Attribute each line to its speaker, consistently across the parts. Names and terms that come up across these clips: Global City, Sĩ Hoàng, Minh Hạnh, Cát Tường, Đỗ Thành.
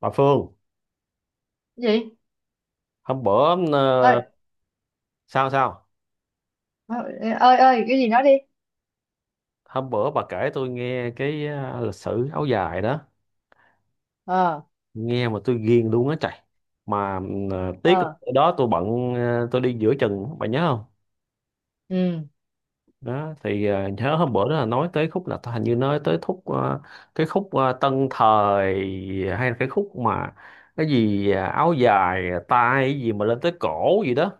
Speaker 1: Bà Phương,
Speaker 2: Gì?
Speaker 1: hôm bữa
Speaker 2: Ơi
Speaker 1: ờ, sao sao
Speaker 2: ơi ơi, cái gì, nói đi.
Speaker 1: hôm bữa bà kể tôi nghe cái lịch sử áo dài đó,
Speaker 2: Ờ.
Speaker 1: nghe mà tôi ghiền luôn á trời. Mà tiếc
Speaker 2: Ờ.
Speaker 1: là đó tôi bận, tôi đi giữa chừng bà nhớ không?
Speaker 2: Ừ.
Speaker 1: Đó thì nhớ hôm bữa đó là nói tới khúc, là hình như nói tới khúc cái khúc tân thời, hay là cái khúc mà cái gì áo dài tay gì mà lên tới cổ gì đó.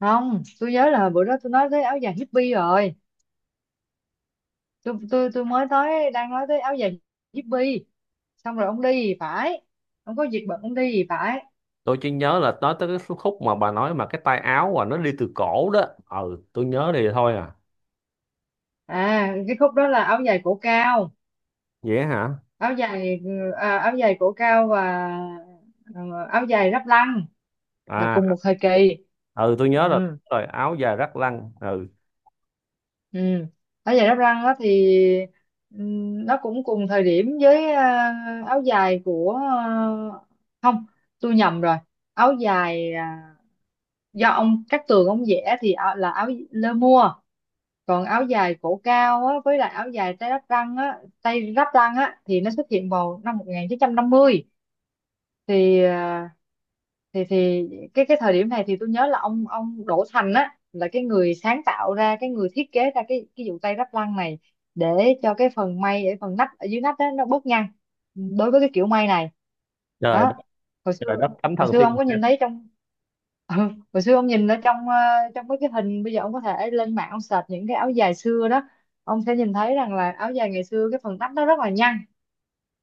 Speaker 2: Không, tôi nhớ là bữa đó tôi nói tới áo dài hippie rồi. Tôi mới nói đang nói tới áo dài hippie. Xong rồi ông đi thì phải. Không có việc bận ông đi thì phải.
Speaker 1: Tôi chỉ nhớ là nói tới cái số khúc mà bà nói mà cái tay áo và nó đi từ cổ đó. Ừ, tôi nhớ thì thôi à.
Speaker 2: À, cái khúc đó là áo dài cổ cao.
Speaker 1: Vậy hả?
Speaker 2: áo dài Áo dài cổ cao và ờ, áo dài ráp lăng là cùng
Speaker 1: À,
Speaker 2: một thời kỳ.
Speaker 1: ừ tôi nhớ là
Speaker 2: Ừ.
Speaker 1: rồi áo dài rắc lăng, ừ.
Speaker 2: Ừ. Áo dài đắp răng á thì nó cũng cùng thời điểm với áo dài của không, tôi nhầm rồi. Áo dài do ông Cát Tường ông vẽ thì áo- là áo lơ mua. Còn áo dài cổ cao á, với lại áo dài tay đắp răng á, tay đắp răng á thì nó xuất hiện vào năm 1950. Thì à, thì thì cái thời điểm này thì tôi nhớ là ông Đỗ Thành á là cái người sáng tạo ra cái người thiết kế ra cái vụ tay ráp lăng này, để cho cái phần may, để phần nách ở dưới nách đó nó bớt nhăn đối với cái kiểu may này.
Speaker 1: Trời
Speaker 2: Đó,
Speaker 1: đất.
Speaker 2: hồi xưa,
Speaker 1: Trời đất thánh
Speaker 2: hồi
Speaker 1: thần
Speaker 2: xưa ông
Speaker 1: thiên
Speaker 2: có
Speaker 1: địa.
Speaker 2: nhìn thấy trong ừ, hồi xưa ông nhìn ở trong trong mấy cái hình. Bây giờ ông có thể lên mạng ông search những cái áo dài xưa đó, ông sẽ nhìn thấy rằng là áo dài ngày xưa cái phần nách nó rất là nhăn.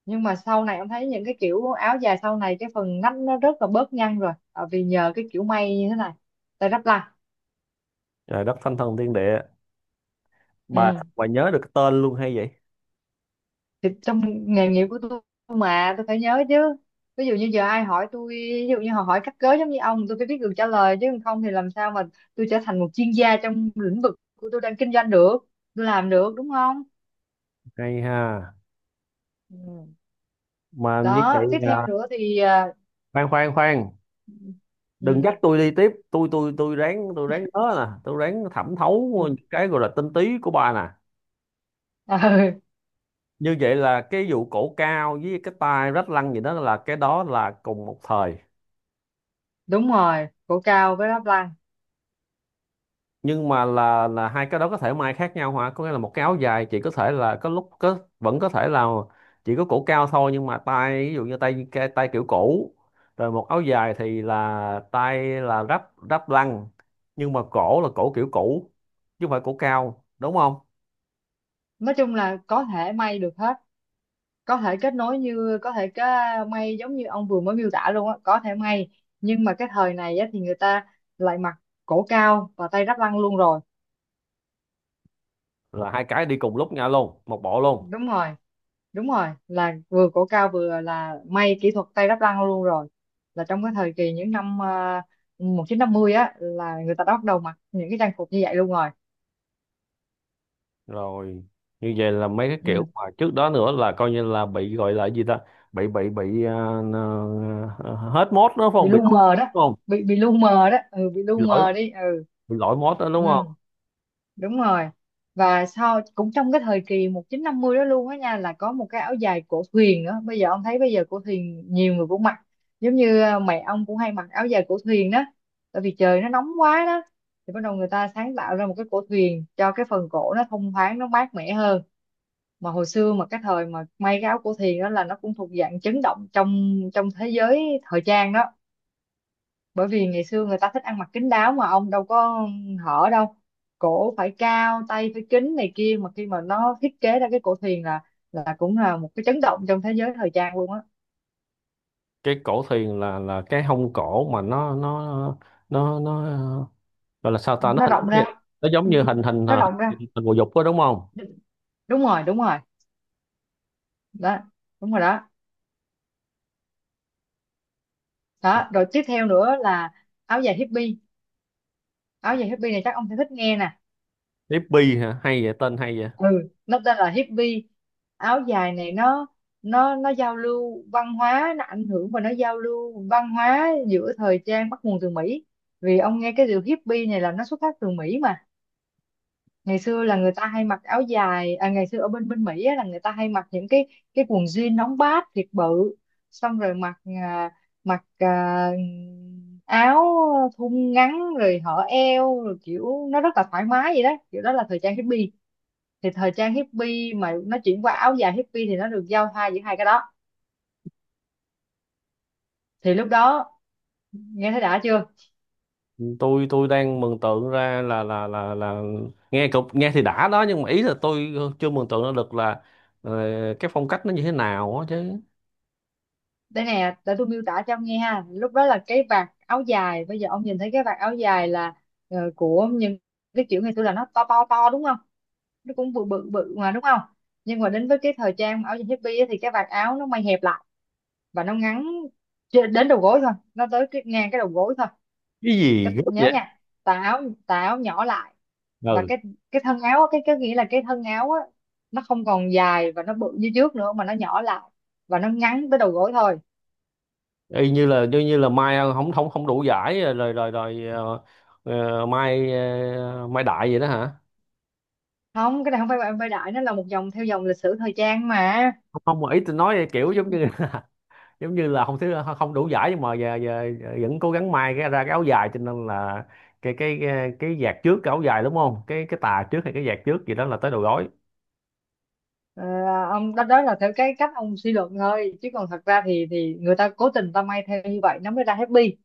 Speaker 2: Nhưng mà sau này em thấy những cái kiểu áo dài sau này cái phần nách nó rất là bớt nhăn rồi. Ờ, Vì nhờ cái kiểu may như thế này, tay đắp lại.
Speaker 1: Trời đất thánh thần thiên địa, bà
Speaker 2: Ừ.
Speaker 1: bà nhớ được cái tên luôn hay vậy.
Speaker 2: Thì trong nghề nghiệp của tôi mà tôi phải nhớ chứ. Ví dụ như giờ ai hỏi tôi, ví dụ như họ hỏi cắt cớ giống như ông, tôi phải biết được trả lời, chứ không thì làm sao mà tôi trở thành một chuyên gia trong lĩnh vực của tôi đang kinh doanh được. Tôi làm được, đúng không?
Speaker 1: Hay ha.
Speaker 2: Ừ.
Speaker 1: Mà như vậy
Speaker 2: Đó, tiếp theo
Speaker 1: là,
Speaker 2: nữa thì
Speaker 1: khoan khoan khoan, đừng
Speaker 2: ừ.
Speaker 1: dắt tôi đi tiếp, tôi ráng, tôi ráng nhớ nè, tôi ráng thẩm
Speaker 2: Ừ.
Speaker 1: thấu những cái gọi là tinh túy của bà nè.
Speaker 2: Ừ,
Speaker 1: Như vậy là cái vụ cổ cao với cái tai rách lăn gì đó, là cái đó là cùng một thời.
Speaker 2: đúng rồi, cổ cao với đắp lăng.
Speaker 1: Nhưng mà là hai cái đó có thể may khác nhau hả? Có nghĩa là một cái áo dài chỉ có thể là có lúc có vẫn có thể là chỉ có cổ cao thôi, nhưng mà tai ví dụ như tay, cái tay kiểu cổ, rồi một áo dài thì là tay là ráp ráp lăn, nhưng mà cổ là cổ kiểu cũ, chứ không phải cổ cao, đúng không?
Speaker 2: Nói chung là có thể may được hết, có thể kết nối, như có thể cái may giống như ông vừa mới miêu tả luôn á, có thể may. Nhưng mà cái thời này á, thì người ta lại mặc cổ cao và tay ráp lăng luôn rồi.
Speaker 1: Là hai cái đi cùng lúc nhau luôn, một bộ luôn.
Speaker 2: Đúng rồi, đúng rồi, là vừa cổ cao vừa là may kỹ thuật tay đắp lăng luôn rồi. Là trong cái thời kỳ những năm 1950 á, là người ta đã bắt đầu mặc những cái trang phục như vậy luôn rồi.
Speaker 1: Rồi như vậy là mấy cái kiểu
Speaker 2: Ừ.
Speaker 1: mà trước đó nữa là coi như là bị gọi là gì ta, bị bị bị à, hết mốt đó phải
Speaker 2: Bị
Speaker 1: không, bị
Speaker 2: lu
Speaker 1: lỗi
Speaker 2: mờ
Speaker 1: mốt
Speaker 2: đó.
Speaker 1: đúng không?
Speaker 2: Bị lu mờ đó. Ừ, bị lu
Speaker 1: Bị lỗi,
Speaker 2: mờ đi. Ừ.
Speaker 1: bị lỗi mốt đó
Speaker 2: Ừ,
Speaker 1: đúng không?
Speaker 2: đúng rồi. Và sau cũng trong cái thời kỳ 1950 đó luôn á nha, là có một cái áo dài cổ thuyền nữa. Bây giờ ông thấy, bây giờ cổ thuyền nhiều người cũng mặc, giống như mẹ ông cũng hay mặc áo dài cổ thuyền đó. Tại vì trời nó nóng quá đó, thì bắt đầu người ta sáng tạo ra một cái cổ thuyền cho cái phần cổ nó thông thoáng, nó mát mẻ hơn. Mà hồi xưa mà cái thời mà may cái áo cổ thuyền đó, là nó cũng thuộc dạng chấn động trong trong thế giới thời trang đó. Bởi vì ngày xưa người ta thích ăn mặc kín đáo, mà ông đâu có hở đâu, cổ phải cao tay phải kín này kia, mà khi mà nó thiết kế ra cái cổ thuyền là cũng là một cái chấn động trong thế giới thời trang luôn á.
Speaker 1: Cái cổ thuyền là cái hông cổ mà nó gọi là sao
Speaker 2: Ừ.
Speaker 1: ta, nó
Speaker 2: Nó rộng
Speaker 1: hình,
Speaker 2: ra.
Speaker 1: nó giống như hình hình
Speaker 2: Nó rộng ra.
Speaker 1: hình bồ dục đó đúng không?
Speaker 2: Đúng rồi, đúng rồi đó, đúng rồi đó. Đó rồi, tiếp theo nữa là áo dài hippie. Áo dài hippie này chắc ông sẽ thích nghe nè.
Speaker 1: Tiếp bi hả, hay vậy, tên hay vậy.
Speaker 2: Ừ, nó tên là hippie. Áo dài này nó giao lưu văn hóa, nó ảnh hưởng và nó giao lưu văn hóa giữa thời trang bắt nguồn từ Mỹ. Vì ông nghe cái điều hippie này là nó xuất phát từ Mỹ mà. Ngày xưa là người ta hay mặc áo dài ngày xưa ở bên bên Mỹ á, là người ta hay mặc những cái quần jean nóng bát thiệt bự. Xong rồi mặc à, áo thun ngắn, rồi hở eo, rồi kiểu nó rất là thoải mái vậy đó, kiểu đó là thời trang hippie. Thì thời trang hippie mà nó chuyển qua áo dài hippie thì nó được giao thoa giữa hai cái đó. Thì lúc đó, nghe thấy đã chưa?
Speaker 1: Tôi đang mường tượng ra là là nghe cục, nghe thì đã đó, nhưng mà ý là tôi chưa mường tượng ra được là ờ, cái phong cách nó như thế nào á chứ.
Speaker 2: Đây nè, để tôi miêu tả cho ông nghe ha. Lúc đó là cái vạt áo dài, bây giờ ông nhìn thấy cái vạt áo dài là của những cái kiểu ngày xưa là nó to to to, đúng không? Nó cũng bự bự bự mà, đúng không? Nhưng mà đến với cái thời trang áo dài hippie á, thì cái vạt áo nó may hẹp lại và nó ngắn, trên- đến đầu gối thôi, nó tới cái ngang cái đầu gối thôi.
Speaker 1: Cái gì
Speaker 2: Cái-
Speaker 1: gấp
Speaker 2: nhớ
Speaker 1: vậy?
Speaker 2: nha, tà áo, tà áo nhỏ lại. Và
Speaker 1: Ừ,
Speaker 2: cái thân áo á, cái nghĩa là cái thân áo á, nó không còn dài và nó bự như trước nữa mà nó nhỏ lại, và nó ngắn tới đầu gối thôi.
Speaker 1: y như là như như là mai không không không đủ giải rồi rồi rồi, rồi, mai mai đại vậy đó hả?
Speaker 2: Không, cái này không phải bạn vai đại, nó là một dòng theo dòng lịch sử thời trang mà.
Speaker 1: Không không, mà ý tôi nói kiểu giống như giống như là không thứ không đủ giải, nhưng mà giờ, vẫn cố gắng may cái ra cái áo dài, cho nên là cái vạt trước cái áo dài, đúng không, cái tà trước hay cái vạt trước gì đó là tới đầu gối.
Speaker 2: Ờ, ông, đó đó là theo cái cách ông suy luận thôi, chứ còn thật ra thì người ta cố tình ta may theo như vậy nó mới ra happy.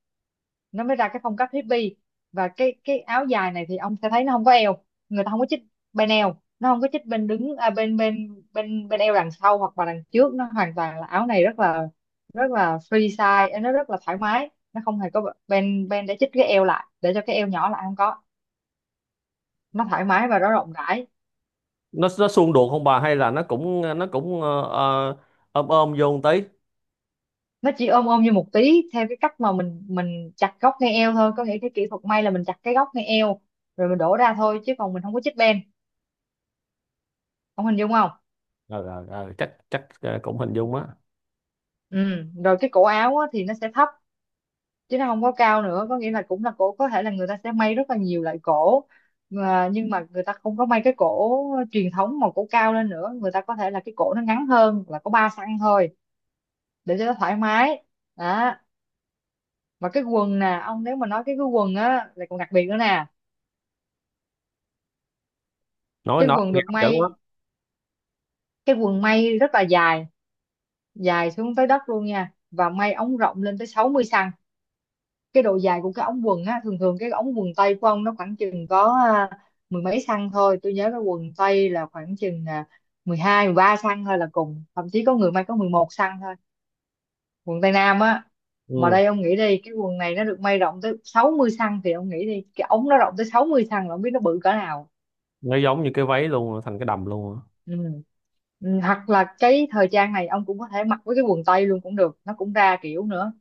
Speaker 2: Nó mới ra cái phong cách hippie. Và cái áo dài này thì ông sẽ thấy nó không có eo. Người ta không có chích bên eo, nó không có chích bên đứng, à, bên bên bên bên eo đằng sau hoặc là đằng trước, nó hoàn toàn là áo này rất là free size, nó rất là thoải mái, nó không hề có bên bên để chích cái eo lại để cho cái eo nhỏ lại, không có, nó thoải mái và nó rộng rãi.
Speaker 1: Nó xung đột không bà, hay là nó cũng ôm ôm vô một tí?
Speaker 2: Nó chỉ ôm ôm như một tí theo cái cách mà mình chặt góc ngay eo thôi, có nghĩa cái kỹ thuật may là mình chặt cái góc ngay eo rồi mình đổ ra thôi chứ còn mình không có chích bên. Ông hình dung không?
Speaker 1: Ờ, Chắc chắc cũng hình dung á.
Speaker 2: Ừ. Rồi cái cổ áo á, thì nó sẽ thấp chứ nó không có cao nữa, có nghĩa là cũng là cổ có thể là người ta sẽ may rất là nhiều loại cổ. Mà- nhưng mà người ta không có may cái cổ truyền thống mà cổ cao lên nữa, người ta có thể là cái cổ nó ngắn hơn, là có 3 xăng thôi, để cho nó thoải mái. Đó. Và cái quần nè ông, nếu mà nói cái quần á là còn đặc biệt nữa nè.
Speaker 1: nói
Speaker 2: Cái
Speaker 1: nói
Speaker 2: quần
Speaker 1: nghe
Speaker 2: được
Speaker 1: hấp dẫn
Speaker 2: may,
Speaker 1: quá.
Speaker 2: cái quần may rất là dài, dài xuống tới đất luôn nha, và may ống rộng lên tới 60 xăng. Cái độ dài của cái ống quần á, thường thường cái ống quần tây của ông nó khoảng chừng có mười mấy xăng thôi. Tôi nhớ cái quần tây là khoảng chừng 12, 13 xăng thôi là cùng, thậm chí có người may có 11 xăng thôi. Quần tây nam á. Mà
Speaker 1: Ừ,
Speaker 2: đây ông nghĩ đi, cái quần này nó được may rộng tới 60 xăng, thì ông nghĩ đi cái ống nó rộng tới 60 xăng là ông biết nó bự cỡ nào.
Speaker 1: nó giống như cái váy luôn, thành cái đầm luôn á.
Speaker 2: Ừ. Ừ, hoặc là cái thời trang này ông cũng có thể mặc với cái quần tây luôn cũng được, nó cũng ra kiểu nữa.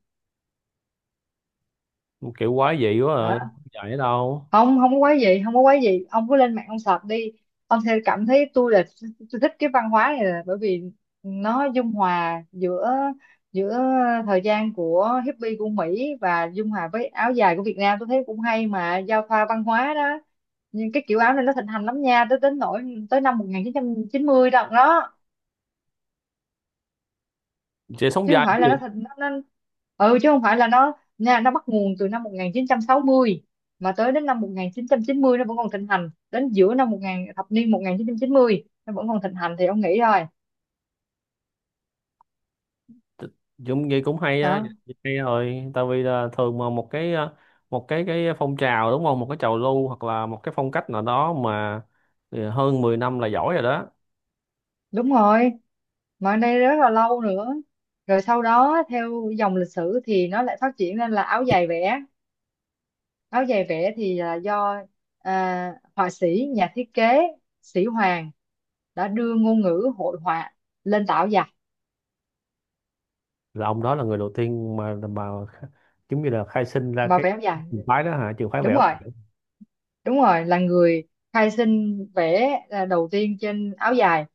Speaker 1: Kiểu quá dị quá
Speaker 2: Đó,
Speaker 1: rồi, không dài ở đâu.
Speaker 2: không không có quái gì, không có quái gì, ông cứ lên mạng ông search đi. Ông sẽ cảm thấy tôi là, tôi thích cái văn hóa này là bởi vì nó dung hòa giữa giữa thời gian của hippie của Mỹ và dung hòa với áo dài của Việt Nam. Tôi thấy cũng hay mà, giao thoa văn hóa đó. Nhưng cái kiểu áo này nó thịnh hành lắm nha, tới đến nỗi tới năm một nghìn chín chín trăm chín mươi đó đó,
Speaker 1: Chị sống
Speaker 2: chứ không
Speaker 1: dai
Speaker 2: phải
Speaker 1: cái
Speaker 2: là nó
Speaker 1: gì.
Speaker 2: thành nó. Ừ, chứ không phải là nó nha, nó bắt nguồn từ năm 1960 mà tới đến năm 1990 nó vẫn còn thịnh hành, đến giữa năm 1000 thập niên một nghìn chín chín trăm chín mươi nó vẫn còn thịnh hành, thì ông nghĩ rồi
Speaker 1: Dũng vậy cũng hay á.
Speaker 2: đó.
Speaker 1: Hay rồi, tại vì là thường mà một cái một cái phong trào, đúng không, một cái trào lưu hoặc là một cái phong cách nào đó mà hơn 10 năm là giỏi rồi đó.
Speaker 2: Đúng rồi, mà ở đây rất là lâu nữa. Rồi sau đó theo dòng lịch sử thì nó lại phát triển lên là áo dài vẽ. Áo dài vẽ thì là do họa sĩ, nhà thiết kế Sĩ Hoàng đã đưa ngôn ngữ hội họa lên tà áo dài,
Speaker 1: Là ông đó là người đầu tiên mà giống như là khai sinh ra
Speaker 2: mà
Speaker 1: cái
Speaker 2: vẽ áo dài.
Speaker 1: trường phái đó hả, trường phái vẽ
Speaker 2: Đúng
Speaker 1: ốc
Speaker 2: rồi,
Speaker 1: biển.
Speaker 2: đúng rồi, là người khai sinh vẽ đầu tiên trên áo dài.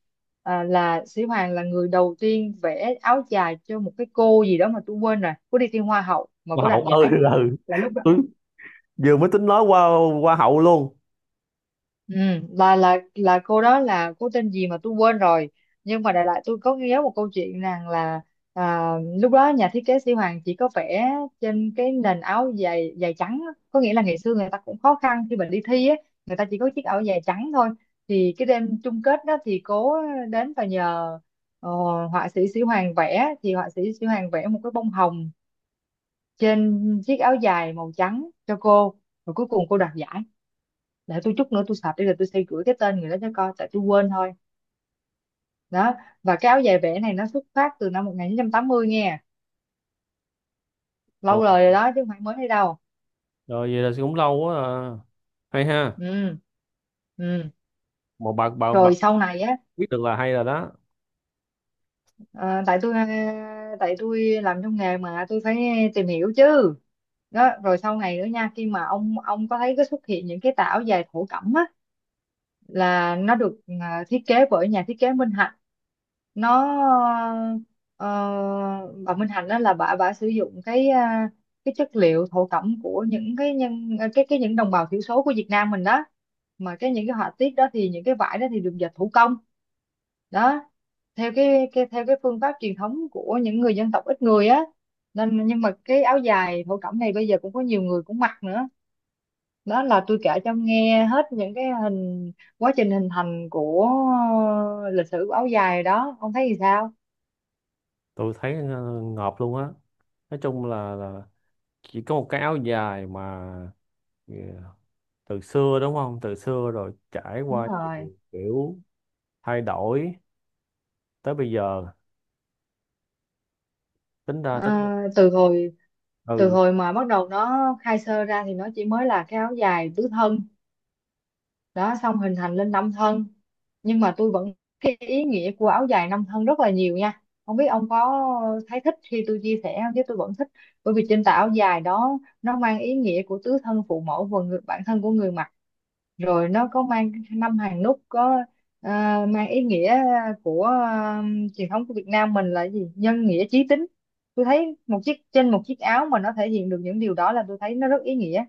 Speaker 2: Là Sĩ Hoàng là người đầu tiên vẽ áo dài cho một cái cô gì đó mà tôi quên rồi, cô đi thi hoa hậu mà cô
Speaker 1: Hoa hậu
Speaker 2: đạt
Speaker 1: ơi,
Speaker 2: giải,
Speaker 1: là
Speaker 2: là lúc đó.
Speaker 1: tôi vừa mới tính nói qua hoa hậu luôn.
Speaker 2: Ừ, là cô đó là cô tên gì mà tôi quên rồi, nhưng mà đại loại tôi có nhớ một câu chuyện rằng là à, lúc đó nhà thiết kế Sĩ Hoàng chỉ có vẽ trên cái nền áo dài dài trắng á. Có nghĩa là ngày xưa người ta cũng khó khăn khi mà đi thi á, người ta chỉ có chiếc áo dài trắng thôi. Thì cái đêm chung kết đó thì cô đến và nhờ ờ, họa sĩ Sĩ Hoàng vẽ, thì họa sĩ Sĩ Hoàng vẽ một cái bông hồng trên chiếc áo dài màu trắng cho cô, rồi cuối cùng cô đoạt giải. Để tôi chút nữa tôi sạch đi rồi tôi sẽ gửi cái tên người đó cho coi, tại tôi quên thôi. Đó, và cái áo dài vẽ này nó xuất phát từ năm 1980 nghe,
Speaker 1: Ồ,
Speaker 2: lâu đời rồi đó chứ không phải mới đây đâu.
Speaker 1: rồi vậy là cũng lâu quá à. Hay ha.
Speaker 2: Ừ. Ừ.
Speaker 1: Mà bà
Speaker 2: Rồi sau này á,
Speaker 1: biết được là hay rồi đó.
Speaker 2: ờ, tại tôi tại tôi làm trong nghề mà tôi phải tìm hiểu chứ. Đó, rồi sau này nữa nha, khi mà ông có thấy cái xuất hiện những cái tà áo dài thổ cẩm á, là nó được thiết kế bởi nhà thiết kế Minh Hạnh. Nó ờ, bà Minh Hạnh đó là bà sử dụng cái cái chất liệu thổ cẩm của những cái nhân cái những đồng bào thiểu số của Việt Nam mình đó, mà cái những cái họa tiết đó thì những cái vải đó thì được dệt thủ công. Đó, theo cái theo cái phương pháp truyền thống của những người dân tộc ít người á, nên nhưng mà cái áo dài thổ cẩm này bây giờ cũng có nhiều người cũng mặc nữa. Đó là tôi kể cho ông nghe hết những cái hình, quá trình hình thành của lịch sử của áo dài đó, ông thấy thì sao?
Speaker 1: Tôi thấy ngợp luôn á. Nói chung là chỉ có một cái áo dài mà ờ, từ xưa, đúng không, từ xưa rồi trải
Speaker 2: Đúng
Speaker 1: qua
Speaker 2: rồi.
Speaker 1: nhiều kiểu thay đổi tới bây giờ, tính ra tính,
Speaker 2: Từ hồi từ
Speaker 1: ừ.
Speaker 2: hồi mà bắt đầu nó khai sơ ra thì nó chỉ mới là cái áo dài tứ thân, đó, xong hình thành lên năm thân. Nhưng mà tôi vẫn, cái ý nghĩa của áo dài năm thân rất là nhiều nha, không biết ông có thấy thích khi tôi chia sẻ không chứ tôi vẫn thích. Bởi vì trên tà áo dài đó nó mang ý nghĩa của tứ thân phụ mẫu và người, bản thân của người mặc. Rồi nó có mang năm hàng nút, có ờ, mang ý nghĩa của truyền thống của Việt Nam mình là gì, nhân nghĩa chí tín. Tôi thấy một chiếc, trên một chiếc áo mà nó thể hiện được những điều đó là tôi thấy nó rất ý nghĩa.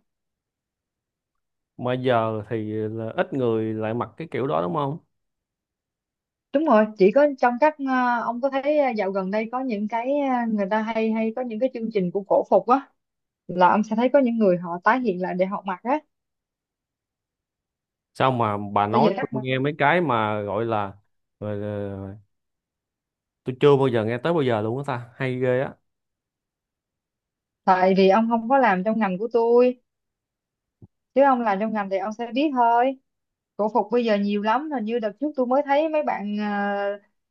Speaker 1: Mà giờ thì là ít người lại mặc cái kiểu đó đúng không?
Speaker 2: Đúng rồi, chỉ có trong các ông có thấy dạo gần đây có những cái người ta hay hay có những cái chương trình của cổ phục á, là ông sẽ thấy có những người họ tái hiện lại để họ mặc á.
Speaker 1: Sao mà bà
Speaker 2: Bây giờ
Speaker 1: nói tôi
Speaker 2: các bạn-
Speaker 1: nghe mấy cái mà gọi là, rồi là- tôi chưa bao giờ nghe tới bao giờ luôn á ta, hay ghê á.
Speaker 2: tại vì ông không có làm trong ngành của tôi, chứ ông làm trong ngành thì ông sẽ biết thôi. Cổ phục bây giờ nhiều lắm, hình như đợt trước tôi mới thấy mấy bạn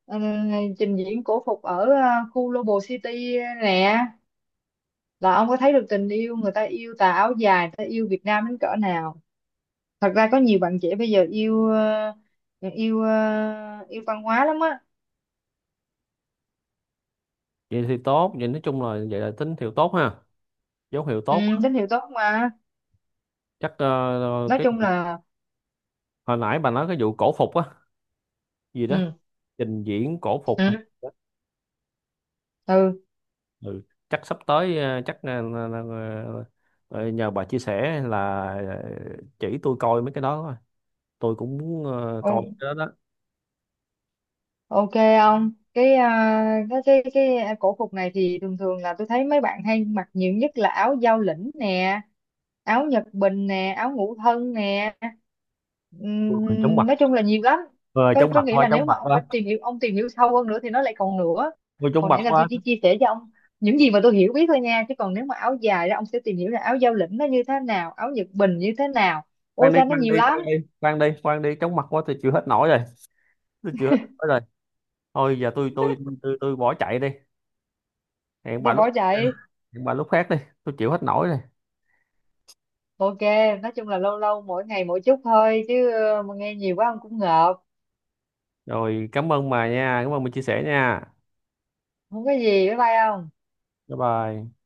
Speaker 2: ờ, ờ, trình diễn cổ phục ở khu Global City nè, là ông có thấy được tình yêu người ta yêu tà áo dài, người ta yêu Việt Nam đến cỡ nào. Thật ra có nhiều bạn trẻ bây giờ yêu yêu yêu văn hóa lắm á.
Speaker 1: Vậy thì tốt, vậy nói chung là vậy là tín hiệu tốt ha, dấu hiệu
Speaker 2: Ừ,
Speaker 1: tốt á.
Speaker 2: tín hiệu tốt mà.
Speaker 1: Chắc
Speaker 2: Nói
Speaker 1: cái
Speaker 2: chung là
Speaker 1: hồi nãy bà nói cái vụ cổ phục á gì đó,
Speaker 2: ừ.
Speaker 1: trình diễn cổ phục hay
Speaker 2: Ừ.
Speaker 1: gì đó. Ừ. Chắc sắp tới chắc nhờ bà chia sẻ là ờ, chỉ tôi coi mấy cái đó thôi, tôi cũng muốn coi
Speaker 2: Ừ.
Speaker 1: cái đó đó.
Speaker 2: Ok, ông cái cái cổ phục này thì thường thường là tôi thấy mấy bạn hay mặc nhiều nhất là áo giao lĩnh nè, áo Nhật Bình nè, áo ngũ thân nè.
Speaker 1: Tôi cũng,
Speaker 2: Nói chung là nhiều lắm.
Speaker 1: ờ
Speaker 2: có
Speaker 1: chóng
Speaker 2: có
Speaker 1: mặt
Speaker 2: nghĩa
Speaker 1: quá,
Speaker 2: là
Speaker 1: chóng
Speaker 2: nếu
Speaker 1: mặt
Speaker 2: mà ông mà
Speaker 1: quá.
Speaker 2: tìm hiểu, ông tìm hiểu sâu hơn nữa thì nó lại còn nữa.
Speaker 1: Ôi, chóng
Speaker 2: Hồi
Speaker 1: mặt
Speaker 2: nãy là tôi
Speaker 1: quá.
Speaker 2: chỉ chia sẻ cho ông những gì mà tôi hiểu biết thôi nha, chứ còn nếu mà áo dài đó ông sẽ tìm hiểu là áo giao lĩnh nó như thế nào, áo Nhật Bình như thế nào,
Speaker 1: Khoan
Speaker 2: ôi
Speaker 1: đi
Speaker 2: cha nó
Speaker 1: khoan
Speaker 2: nhiều
Speaker 1: đi khoan
Speaker 2: lắm.
Speaker 1: đi khoan đi khoan đi chóng mặt quá, tôi chịu hết nổi rồi, tôi chịu hết nổi rồi. Thôi giờ tôi bỏ chạy đi, hẹn
Speaker 2: Sao
Speaker 1: bà lúc
Speaker 2: bỏ chạy?
Speaker 1: hẹn bà lúc khác đi, tôi chịu hết nổi rồi.
Speaker 2: Ok, nói chung là lâu lâu mỗi ngày mỗi chút thôi chứ mà nghe nhiều quá ông cũng ngợp.
Speaker 1: Rồi cảm ơn bà nha, cảm ơn mình chia sẻ nha.
Speaker 2: Không có gì, bye bye ông.
Speaker 1: Bye bye.